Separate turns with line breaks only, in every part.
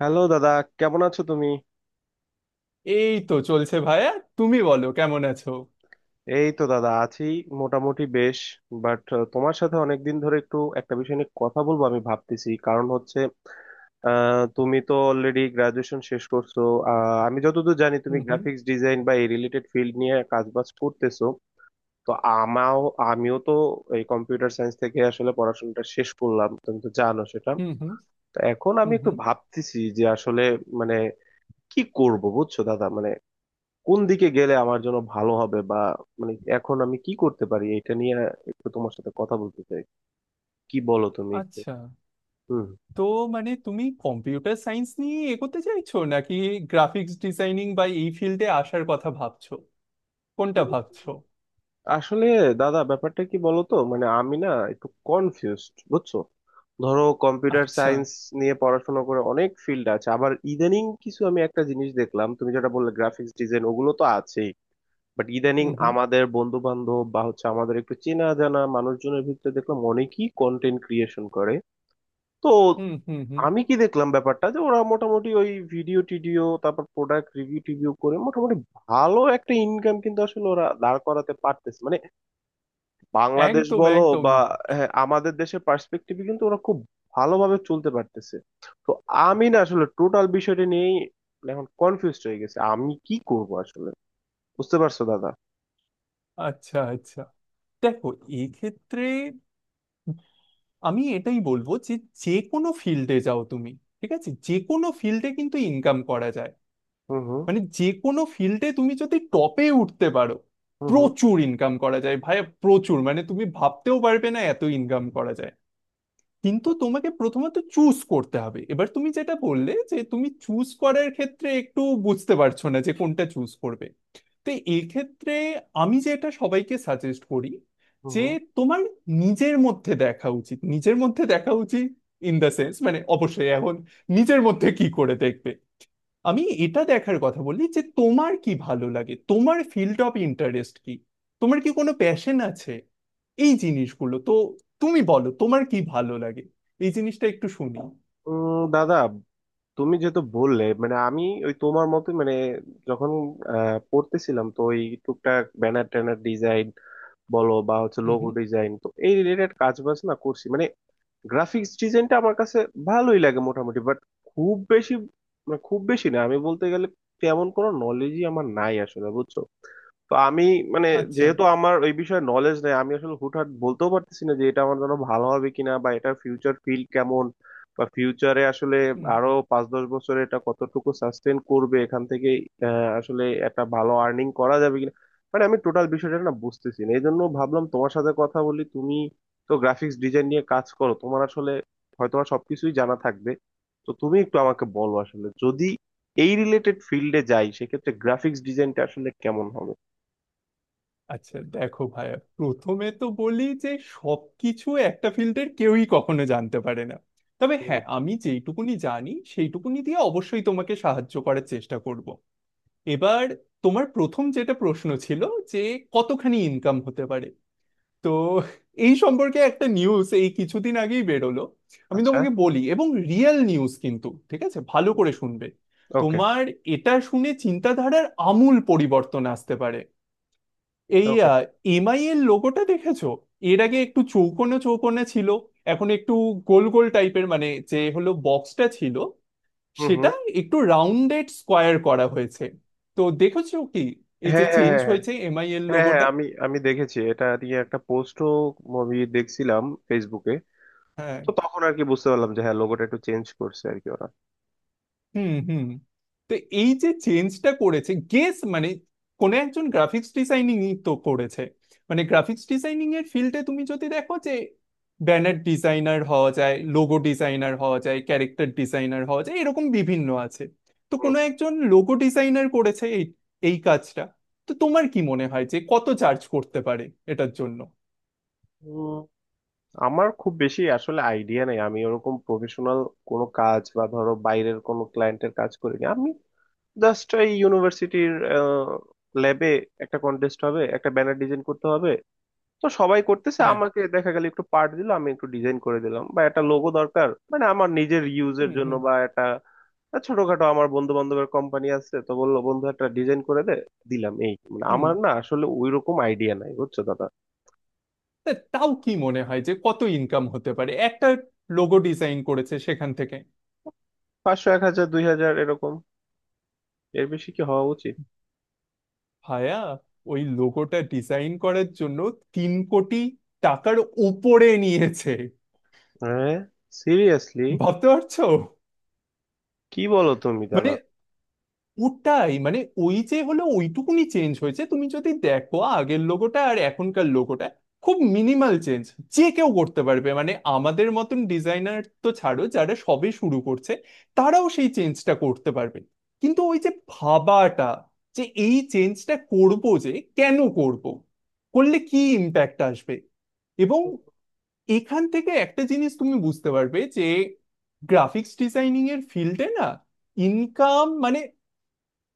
Hello দাদা, কেমন আছো তুমি?
এই তো চলছে ভাইয়া। তুমি বলো কেমন আছো।
এই তো দাদা, আছি, মোটামুটি বেশ। বাট তোমার সাথে অনেকদিন ধরে একটু একটা বিষয় নিয়ে কথা বলবো আমি ভাবতেছি, কারণ হচ্ছে, তুমি তো অলরেডি গ্রাজুয়েশন শেষ করছো। আমি যতদূর জানি তুমি
হুম হুম
গ্রাফিক্স ডিজাইন বা এই রিলেটেড ফিল্ড নিয়ে কাজবাজ করতেছো। তো আমাও আমিও তো এই কম্পিউটার সায়েন্স থেকে আসলে পড়াশোনাটা শেষ করলাম, তুমি তো জানো সেটা।
হুম হুম
তো এখন আমি
হুম
একটু
হুম।
ভাবতেছি যে আসলে মানে কি করব, বুঝছো দাদা? মানে কোন দিকে গেলে আমার জন্য ভালো হবে, বা মানে এখন আমি কি করতে পারি, এটা নিয়ে একটু তোমার সাথে কথা বলতে চাই। কি বলো তুমি একটু?
আচ্ছা,
হুম।
তো মানে তুমি কম্পিউটার সায়েন্স নিয়ে এগোতে চাইছো নাকি গ্রাফিক্স ডিজাইনিং বা এই ফিল্ডে আসার কথা ভাবছো, কোনটা ভাবছো?
আসলে দাদা ব্যাপারটা কি বলো তো, মানে আমি না একটু কনফিউজড, বুঝছো? ধরো কম্পিউটার
আচ্ছা।
সায়েন্স নিয়ে পড়াশোনা করে অনেক ফিল্ড আছে, আবার ইদানিং কিছু আমি একটা জিনিস দেখলাম, তুমি যেটা বললে গ্রাফিক্স ডিজাইন ওগুলো তো আছেই, বাট ইদানিং
হুম হুম
আমাদের বন্ধু বান্ধব বা হচ্ছে আমাদের একটু চেনা জানা মানুষজনের ভিতরে দেখলাম অনেকেই কন্টেন্ট ক্রিয়েশন করে। তো
হুম হুম হুম।
আমি কি দেখলাম ব্যাপারটা, যে ওরা মোটামুটি ওই ভিডিও টিডিও, তারপর প্রোডাক্ট রিভিউ টিভিউ করে মোটামুটি ভালো একটা ইনকাম কিন্তু আসলে ওরা দাঁড় করাতে পারতেছে। মানে বাংলাদেশ
একদম
বলো
একদম।
বা, হ্যাঁ, আমাদের দেশের পার্সপেক্টিভে কিন্তু ওরা খুব ভালোভাবে চলতে পারতেছে। তো আমি না আসলে টোটাল বিষয়টা নিয়েই এখন কনফিউজড হয়ে গেছে, আমি কি করব আসলে, বুঝতে পারছো দাদা?
আচ্ছা আচ্ছা, দেখো, এক্ষেত্রে আমি এটাই বলবো যে যে কোনো ফিল্ডে যাও তুমি, ঠিক আছে, যে কোনো ফিল্ডে কিন্তু ইনকাম করা যায়।
হুম হুম
মানে যে কোনো ফিল্ডে তুমি যদি টপে উঠতে পারো,
হুম হুম
প্রচুর ইনকাম করা যায় ভাই, প্রচুর, মানে তুমি ভাবতেও পারবে না এত ইনকাম করা যায়। কিন্তু তোমাকে প্রথমত চুজ করতে হবে। এবার তুমি যেটা বললে যে তুমি চুজ করার ক্ষেত্রে একটু বুঝতে পারছো না যে কোনটা চুজ করবে। তো এক্ষেত্রে আমি যেটা সবাইকে সাজেস্ট করি,
হুম
যে
হুম।
তোমার নিজের মধ্যে দেখা উচিত, নিজের মধ্যে দেখা উচিত। ইন দ্য সেন্স মানে অবশ্যই এখন নিজের মধ্যে কি করে দেখবে, আমি এটা দেখার কথা বলি যে তোমার কি ভালো লাগে, তোমার ফিল্ড অফ ইন্টারেস্ট কি, তোমার কি কোনো প্যাশন আছে। এই জিনিসগুলো তো তুমি বলো, তোমার কি ভালো লাগে, এই জিনিসটা একটু শুনি।
দাদা, তুমি যেহেতু বললে, মানে আমি ওই তোমার মতোই মানে যখন পড়তেছিলাম তো, ওই টুকটাক ব্যানার ট্যানার ডিজাইন বলো বা হচ্ছে
হুম
লোগো
হুম।
ডিজাইন, তো এই রিলেটেড কাজ বাজ না করছি মানে। গ্রাফিক্স ডিজাইনটা আমার কাছে ভালোই লাগে মোটামুটি, বাট খুব বেশি মানে খুব বেশি না, আমি বলতে গেলে তেমন কোনো নলেজই আমার নাই আসলে, বুঝছো? তো আমি মানে
আচ্ছা।
যেহেতু আমার ওই বিষয়ে নলেজ নেই, আমি আসলে হুটহাট বলতেও পারতেছি না যে এটা আমার জন্য ভালো হবে কিনা, বা এটা ফিউচার ফিল্ড কেমন, বা ফিউচারে আসলে
হুম।
আরো 5-10 বছরে এটা কতটুকু সাস্টেন করবে, এখান থেকে আসলে একটা ভালো আর্নিং করা যাবে কিনা। মানে আমি টোটাল বিষয়টা না বুঝতেছি না, এই জন্য ভাবলাম তোমার সাথে কথা বলি। তুমি তো গ্রাফিক্স ডিজাইন নিয়ে কাজ করো, তোমার আসলে হয়তো বা সবকিছুই জানা থাকবে। তো তুমি একটু আমাকে বলো, আসলে যদি এই রিলেটেড ফিল্ডে যাই, সেক্ষেত্রে গ্রাফিক্স ডিজাইনটা আসলে কেমন হবে?
আচ্ছা দেখো ভাইয়া, প্রথমে তো বলি যে সবকিছু একটা ফিল্ডের কেউই কখনো জানতে পারে না, তবে
হুম।
হ্যাঁ, আমি যেইটুকুনি জানি সেইটুকুনি দিয়ে অবশ্যই তোমাকে সাহায্য করার চেষ্টা করব। এবার তোমার প্রথম যেটা প্রশ্ন ছিল, যে কতখানি ইনকাম হতে পারে, তো এই সম্পর্কে একটা নিউজ এই কিছুদিন আগেই বেরোলো, আমি
আচ্ছা।
তোমাকে বলি, এবং রিয়েল নিউজ কিন্তু, ঠিক আছে, ভালো করে শুনবে।
ওকে।
তোমার এটা শুনে চিন্তাধারার আমূল পরিবর্তন আসতে পারে। এই
ওকে।
এমআই এর লোগোটা দেখেছো, এর আগে একটু চৌকোনে চৌকোনে ছিল, এখন একটু গোল গোল টাইপের, মানে যে হলো বক্সটা ছিল
হুম হুম।
সেটা একটু রাউন্ডেড স্কোয়ার করা হয়েছে। তো দেখেছো কি, এই যে
হ্যাঁ হ্যাঁ
চেঞ্জ
হ্যাঁ হ্যাঁ,
হয়েছে এমআই এর
হ্যাঁ হ্যাঁ
লোগোটা।
আমি আমি দেখেছি, এটা নিয়ে একটা পোস্টও মুভি দেখছিলাম ফেসবুকে।
হ্যাঁ।
তো তখন আর কি বুঝতে পারলাম যে হ্যাঁ লোগোটা একটু চেঞ্জ করছে আর কি ওরা।
হুম হুম। তো এই যে চেঞ্জটা করেছে, গেস মানে কোন একজন গ্রাফিক্স ডিজাইনিং তো করেছে। মানে গ্রাফিক্স ডিজাইনিং এর ফিল্ডে তুমি যদি দেখো যে ব্যানার ডিজাইনার হওয়া যায়, লোগো ডিজাইনার হওয়া যায়, ক্যারেক্টার ডিজাইনার হওয়া যায়, এরকম বিভিন্ন আছে। তো কোনো একজন লোগো ডিজাইনার করেছে এই এই কাজটা। তো তোমার কি মনে হয় যে কত চার্জ করতে পারে এটার জন্য?
হুম। আমার খুব বেশি আসলে আইডিয়া নেই, আমি ওরকম প্রফেশনাল কোনো কাজ বা ধরো বাইরের কোনো ক্লায়েন্টের কাজ করিনি আমি। জাস্ট এই ইউনিভার্সিটির ল্যাবে একটা কন্টেস্ট হবে, একটা ব্যানার ডিজাইন করতে হবে, তো সবাই করতেছে,
হ্যাঁ।
আমাকে দেখা গেল একটু পার্ট দিল, আমি একটু ডিজাইন করে দিলাম, বা একটা লোগো দরকার মানে আমার নিজের ইউজের
হুম
জন্য,
হুম
বা একটা ছোটখাটো আমার বন্ধু বান্ধবের কোম্পানি আছে তো বললো, বন্ধু একটা ডিজাইন করে দে, দিলাম। এই মানে
হুম।
আমার না আসলে ওইরকম আইডিয়া নাই, বুঝছো দাদা?
তা তাও কি মনে হয় যে কত ইনকাম হতে পারে একটা লোগো ডিজাইন করেছে সেখান থেকে?
500, 1,000, 2,000, এরকম, এর বেশি কি হওয়া উচিত?
ভায়া, ওই লোগোটা ডিজাইন করার জন্য 3 কোটি টাকার উপরে নিয়েছে।
হ্যাঁ, সিরিয়াসলি?
ভাবতে পারছো?
কি বলো তুমি
মানে
দাদা!
ওটাই, মানে ওই যে হলো ওইটুকুনি চেঞ্জ হয়েছে, তুমি যদি দেখো আগের লোগোটা আর এখনকার লোগোটা, খুব মিনিমাল চেঞ্জ, যে কেউ করতে পারবে, মানে আমাদের মতন ডিজাইনার তো ছাড়ো, যারা সবে শুরু করছে তারাও সেই চেঞ্জটা করতে পারবে। কিন্তু ওই যে ভাবাটা যে এই চেঞ্জটা করবো, যে কেন করব, করলে কি ইম্প্যাক্ট আসবে, এবং এখান থেকে একটা জিনিস তুমি বুঝতে পারবে যে গ্রাফিক্স ডিজাইনিং এর ফিল্ডে না, ইনকাম মানে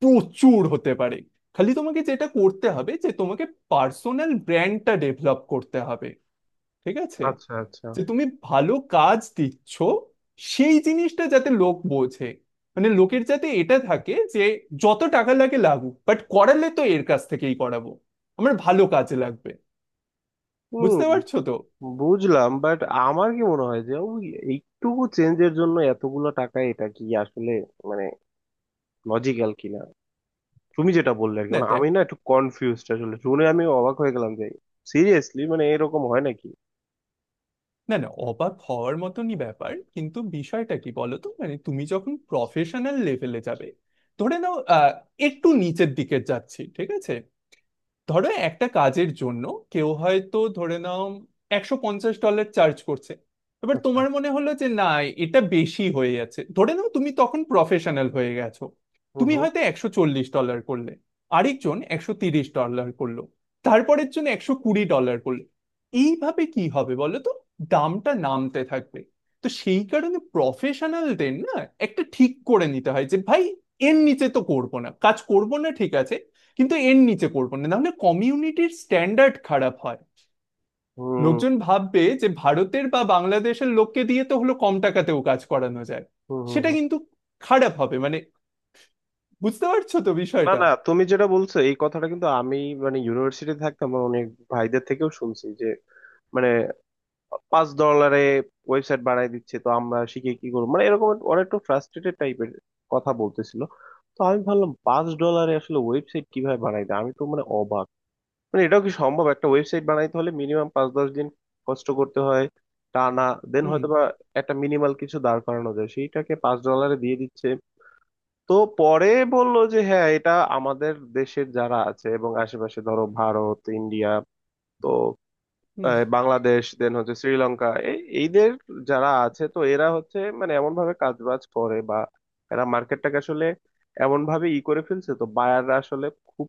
প্রচুর হতে পারে। খালি তোমাকে যেটা করতে হবে যে তোমাকে পার্সোনাল ব্র্যান্ডটা ডেভেলপ করতে হবে, ঠিক আছে,
আচ্ছা আচ্ছা।
যে তুমি ভালো কাজ দিচ্ছ সেই জিনিসটা যাতে লোক বোঝে। মানে লোকের যাতে এটা থাকে যে যত টাকা লাগে লাগুক, বাট করালে তো এর কাছ থেকেই করাবো, আমার ভালো কাজে লাগবে। বুঝতে
হুম।
পারছো তো।
বুঝলাম, বাট আমার কি মনে হয় যে ওই এইটুকু চেঞ্জের জন্য এতগুলো টাকা, এটা কি আসলে মানে লজিক্যাল কিনা? তুমি যেটা বললে আর কি,
না
মানে আমি না একটু কনফিউজড আসলে, শুনে আমি অবাক হয়ে গেলাম যে সিরিয়াসলি, মানে এরকম হয় নাকি?
না না, অবাক হওয়ার মতনই ব্যাপার, কিন্তু বিষয়টা কি বলতো, মানে তুমি যখন প্রফেশনাল লেভেলে যাবে, ধরে নাও একটু নিচের দিকে যাচ্ছি, ঠিক আছে, ধরো একটা কাজের জন্য কেউ হয়তো, ধরে নাও, 150 ডলার চার্জ করছে, এবার
আচ্ছা।
তোমার মনে হলো যে না, এটা বেশি হয়ে যাচ্ছে, ধরে নাও তুমি তখন প্রফেশনাল হয়ে গেছো,
হুম
তুমি
হুম
হয়তো 140 ডলার করলে, আরেকজন 130 ডলার করলো, তারপরের জন্য 120 ডলার করলো, এইভাবে কি হবে বলো তো, দামটা নামতে থাকবে। তো সেই কারণে প্রফেশনালদের না, একটা ঠিক করে নিতে হয় যে ভাই, এর নিচে তো করবো না, কাজ করবো না, ঠিক আছে, কিন্তু এর নিচে করবো না, নাহলে কমিউনিটির স্ট্যান্ডার্ড খারাপ হয়,
হুম
লোকজন ভাববে যে ভারতের বা বাংলাদেশের লোককে দিয়ে তো হলো কম টাকাতেও কাজ করানো যায়,
হুম হুম
সেটা
হুম।
কিন্তু খারাপ হবে, মানে বুঝতে পারছো তো
না
বিষয়টা।
না, তুমি যেটা বলছো এই কথাটা কিন্তু আমি মানে ইউনিভার্সিটি থাকতাম আমার অনেক ভাইদের থেকেও শুনছি যে মানে $5 ওয়েবসাইট বানাই দিচ্ছে, তো আমরা শিখে কি করবো, মানে এরকম একটা- ওরা একটু ফ্রাস্ট্রেটেড টাইপের কথা বলতেছিল। তো আমি ভাবলাম $5 আসলে ওয়েবসাইট কিভাবে বানাই দেয়, আমি তো মানে অবাক। মানে এটাও কি সম্ভব? একটা ওয়েবসাইট বানাইতে হলে মিনিমাম 5-10 দিন কষ্ট করতে হয় টানা, দেন
হুম
হয়তো বা একটা মিনিমাল কিছু দাঁড় করানো যায়, সেইটাকে $5 দিয়ে দিচ্ছে। তো পরে বললো যে হ্যাঁ এটা আমাদের দেশের যারা আছে এবং আশেপাশে, ধরো ভারত ইন্ডিয়া, তো
হুম।
বাংলাদেশ দেন হচ্ছে শ্রীলঙ্কা, এই এইদের যারা আছে, তো এরা হচ্ছে মানে এমন ভাবে কাজ বাজ করে, বা এরা মার্কেটটাকে আসলে এমন ভাবে ই করে ফেলছে, তো বায়াররা আসলে খুব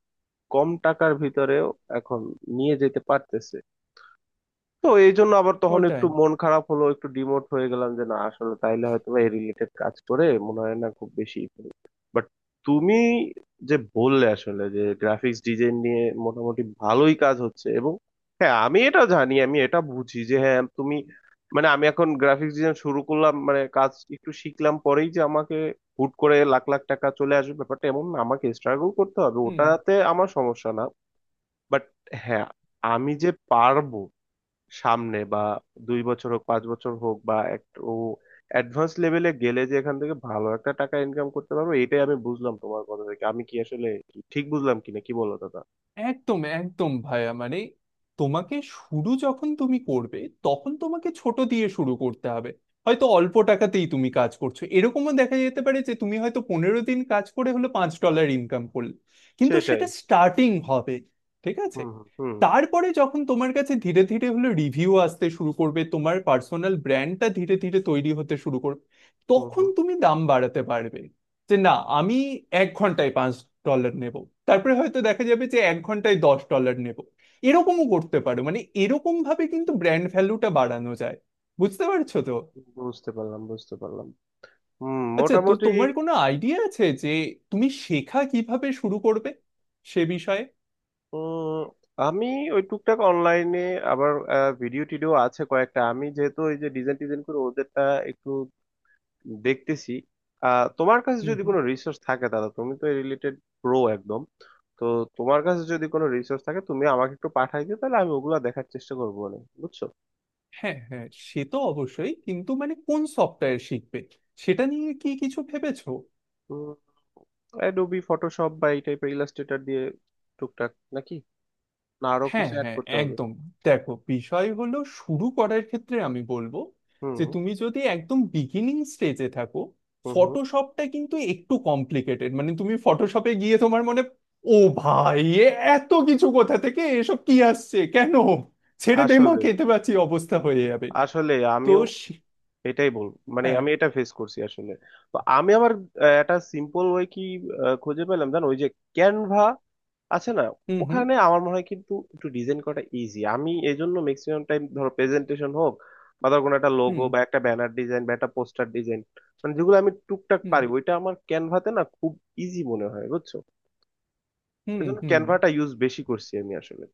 কম টাকার ভিতরেও এখন নিয়ে যেতে পারতেছে। তো এই জন্য আবার তখন একটু
ওটাই।
মন খারাপ হলো, একটু ডিমোট হয়ে গেলাম যে না আসলে তাইলে হয়তো বা এই রিলেটেড কাজ করে মনে হয় না খুব বেশি। বাট তুমি যে বললে আসলে যে গ্রাফিক্স ডিজাইন নিয়ে মোটামুটি ভালোই কাজ হচ্ছে, এবং হ্যাঁ আমি এটা জানি আমি এটা বুঝি যে হ্যাঁ তুমি মানে আমি এখন গ্রাফিক্স ডিজাইন শুরু করলাম মানে কাজ একটু শিখলাম পরেই যে আমাকে হুট করে লাখ লাখ টাকা চলে আসবে ব্যাপারটা এমন না, আমাকে স্ট্রাগল করতে হবে,
হুম।
ওটাতে আমার সমস্যা না। বাট হ্যাঁ আমি যে পারবো সামনে বা 2 বছর হোক 5 বছর হোক বা এক ও অ্যাডভান্স লেভেলে গেলে যে এখান থেকে ভালো একটা টাকা ইনকাম করতে পারবো, এটাই আমি বুঝলাম তোমার কথা থেকে। আমি কি আসলে ঠিক বুঝলাম কিনা, কি বলো দাদা?
একদম একদম ভাইয়া, মানে তোমাকে শুরু যখন তুমি করবে তখন তোমাকে ছোট দিয়ে শুরু করতে হবে, হয়তো অল্প টাকাতেই তুমি কাজ করছো, এরকমও দেখা যেতে পারে যে তুমি হয়তো 15 দিন কাজ করে হলো 5 ডলার ইনকাম করলে, কিন্তু
সেটাই।
সেটা স্টার্টিং হবে, ঠিক আছে।
হুম হুম
তারপরে যখন তোমার কাছে ধীরে ধীরে হলো রিভিউ আসতে শুরু করবে, তোমার পার্সোনাল ব্র্যান্ডটা ধীরে ধীরে তৈরি হতে শুরু করবে,
হুম হুম
তখন
হুম।
তুমি দাম বাড়াতে পারবে, যে না, আমি 1 ঘন্টায় 5 ডলার নেব, তারপরে হয়তো দেখা যাবে যে 1 ঘন্টায় 10 ডলার নেব, এরকমও করতে পারো, মানে এরকম ভাবে কিন্তু ব্র্যান্ড ভ্যালুটা বাড়ানো যায়, বুঝতে পারছো তো।
বুঝতে পারলাম, বুঝতে পারলাম। হুম,
আচ্ছা, তো
মোটামুটি।
তোমার কোনো আইডিয়া আছে যে তুমি শেখা কিভাবে শুরু করবে সে বিষয়ে?
উম আমি ওই টুকটাক অনলাইনে আবার ভিডিও টিডিও আছে কয়েকটা, আমি যেহেতু ওই যে ডিজাইন টিজাইন করে ওদেরটা একটু দেখতেছি। আহ, তোমার কাছে
হুম
যদি
হুম।
কোনো রিসোর্স থাকে দাদা, তুমি তো এই রিলেটেড প্রো একদম, তো তোমার কাছে যদি কোনো রিসোর্স থাকে তুমি আমাকে একটু পাঠাই দিও, তাহলে আমি ওগুলা দেখার চেষ্টা করবো, মানে বুঝছো।
হ্যাঁ হ্যাঁ, সে তো অবশ্যই, কিন্তু মানে কোন সফটওয়্যার শিখবে সেটা নিয়ে কি কিছু ভেবেছো?
উম, অ্যাডোবি ফটোশপ বা এই টাইপের ইলাস্ট্রেটর দিয়ে টুকটাক, নাকি না আরো
হ্যাঁ
কিছু অ্যাড
হ্যাঁ,
করতে হবে?
একদম। দেখো, বিষয় হলো শুরু করার ক্ষেত্রে আমি বলবো যে
হুম
তুমি যদি একদম বিগিনিং স্টেজে থাকো,
হুম। হুম।
ফটোশপটা কিন্তু একটু কমপ্লিকেটেড, মানে তুমি ফটোশপে গিয়ে তোমার মনে, ও ভাই এ এত কিছু কোথা থেকে, এসব কি আসছে কেন, ছেড়ে দে মা
আসলে,
খেতে পাচ্ছি অবস্থা হয়ে যাবে। তো
আমিও
সে-
এটাই বল, মানে
হ্যাঁ।
আমি এটা ফেস করছি আসলে। তো আমি আবার একটা সিম্পল ওয়ে কি খুঁজে পেলাম জানো, ওই যে ক্যানভা আছে না,
হুম হুম
ওখানে আমার মনে হয় কিন্তু একটু ডিজাইন করাটা ইজি। আমি এই জন্য ম্যাক্সিমাম টাইম ধরো প্রেজেন্টেশন হোক বা ধর কোনো একটা লোগো
হুম
বা একটা ব্যানার ডিজাইন বা একটা পোস্টার ডিজাইন, মানে যেগুলো আমি টুকটাক
হুম
পারি, ওইটা আমার ক্যানভাতে না খুব ইজি মনে হয়, বুঝছো?
হুম
এই জন্য
হুম।
ক্যানভাটা ইউজ বেশি করছি আমি আসলে।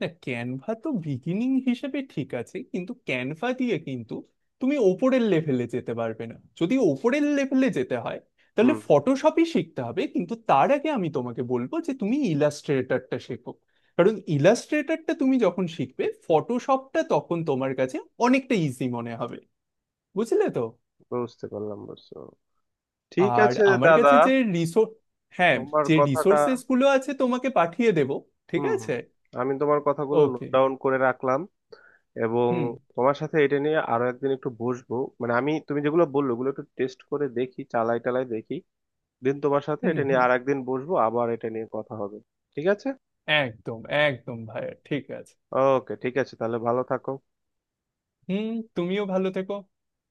না, ক্যানভা তো বিগিনিং হিসেবে ঠিক আছে, কিন্তু ক্যানভা দিয়ে কিন্তু তুমি ওপরের লেভেলে যেতে পারবে না। যদি ওপরের লেভেলে যেতে হয় তাহলে
হুম।
ফটোশপই শিখতে হবে, কিন্তু তার আগে আমি তোমাকে বলবো যে তুমি ইলাস্ট্রেটরটা শেখো, কারণ ইলাস্ট্রেটরটা তুমি যখন শিখবে ফটোশপটা তখন তোমার কাছে অনেকটা ইজি মনে হবে, বুঝলে তো।
বুঝতে পারলাম, বুঝছো, ঠিক
আর
আছে
আমার কাছে
দাদা।
যে রিসোর্স, হ্যাঁ,
তোমার
যে
কথাটা,
রিসোর্সেস গুলো আছে তোমাকে পাঠিয়ে দেবো, ঠিক
হুম হুম,
আছে।
আমি তোমার কথাগুলো নোট
ওকে।
ডাউন করে রাখলাম, এবং
হুম
তোমার সাথে এটা নিয়ে আরো একদিন একটু বসবো, মানে আমি তুমি যেগুলো বললো ওগুলো একটু টেস্ট করে দেখি, চালাই টালাই দেখি দিন, তোমার সাথে
হুম
এটা নিয়ে
হুম।
আর একদিন বসবো, আবার এটা নিয়ে কথা হবে, ঠিক আছে?
একদম একদম ভাইয়া, ঠিক আছে।
ওকে, ঠিক আছে, তাহলে ভালো থাকো।
হুম। তুমিও ভালো থেকো।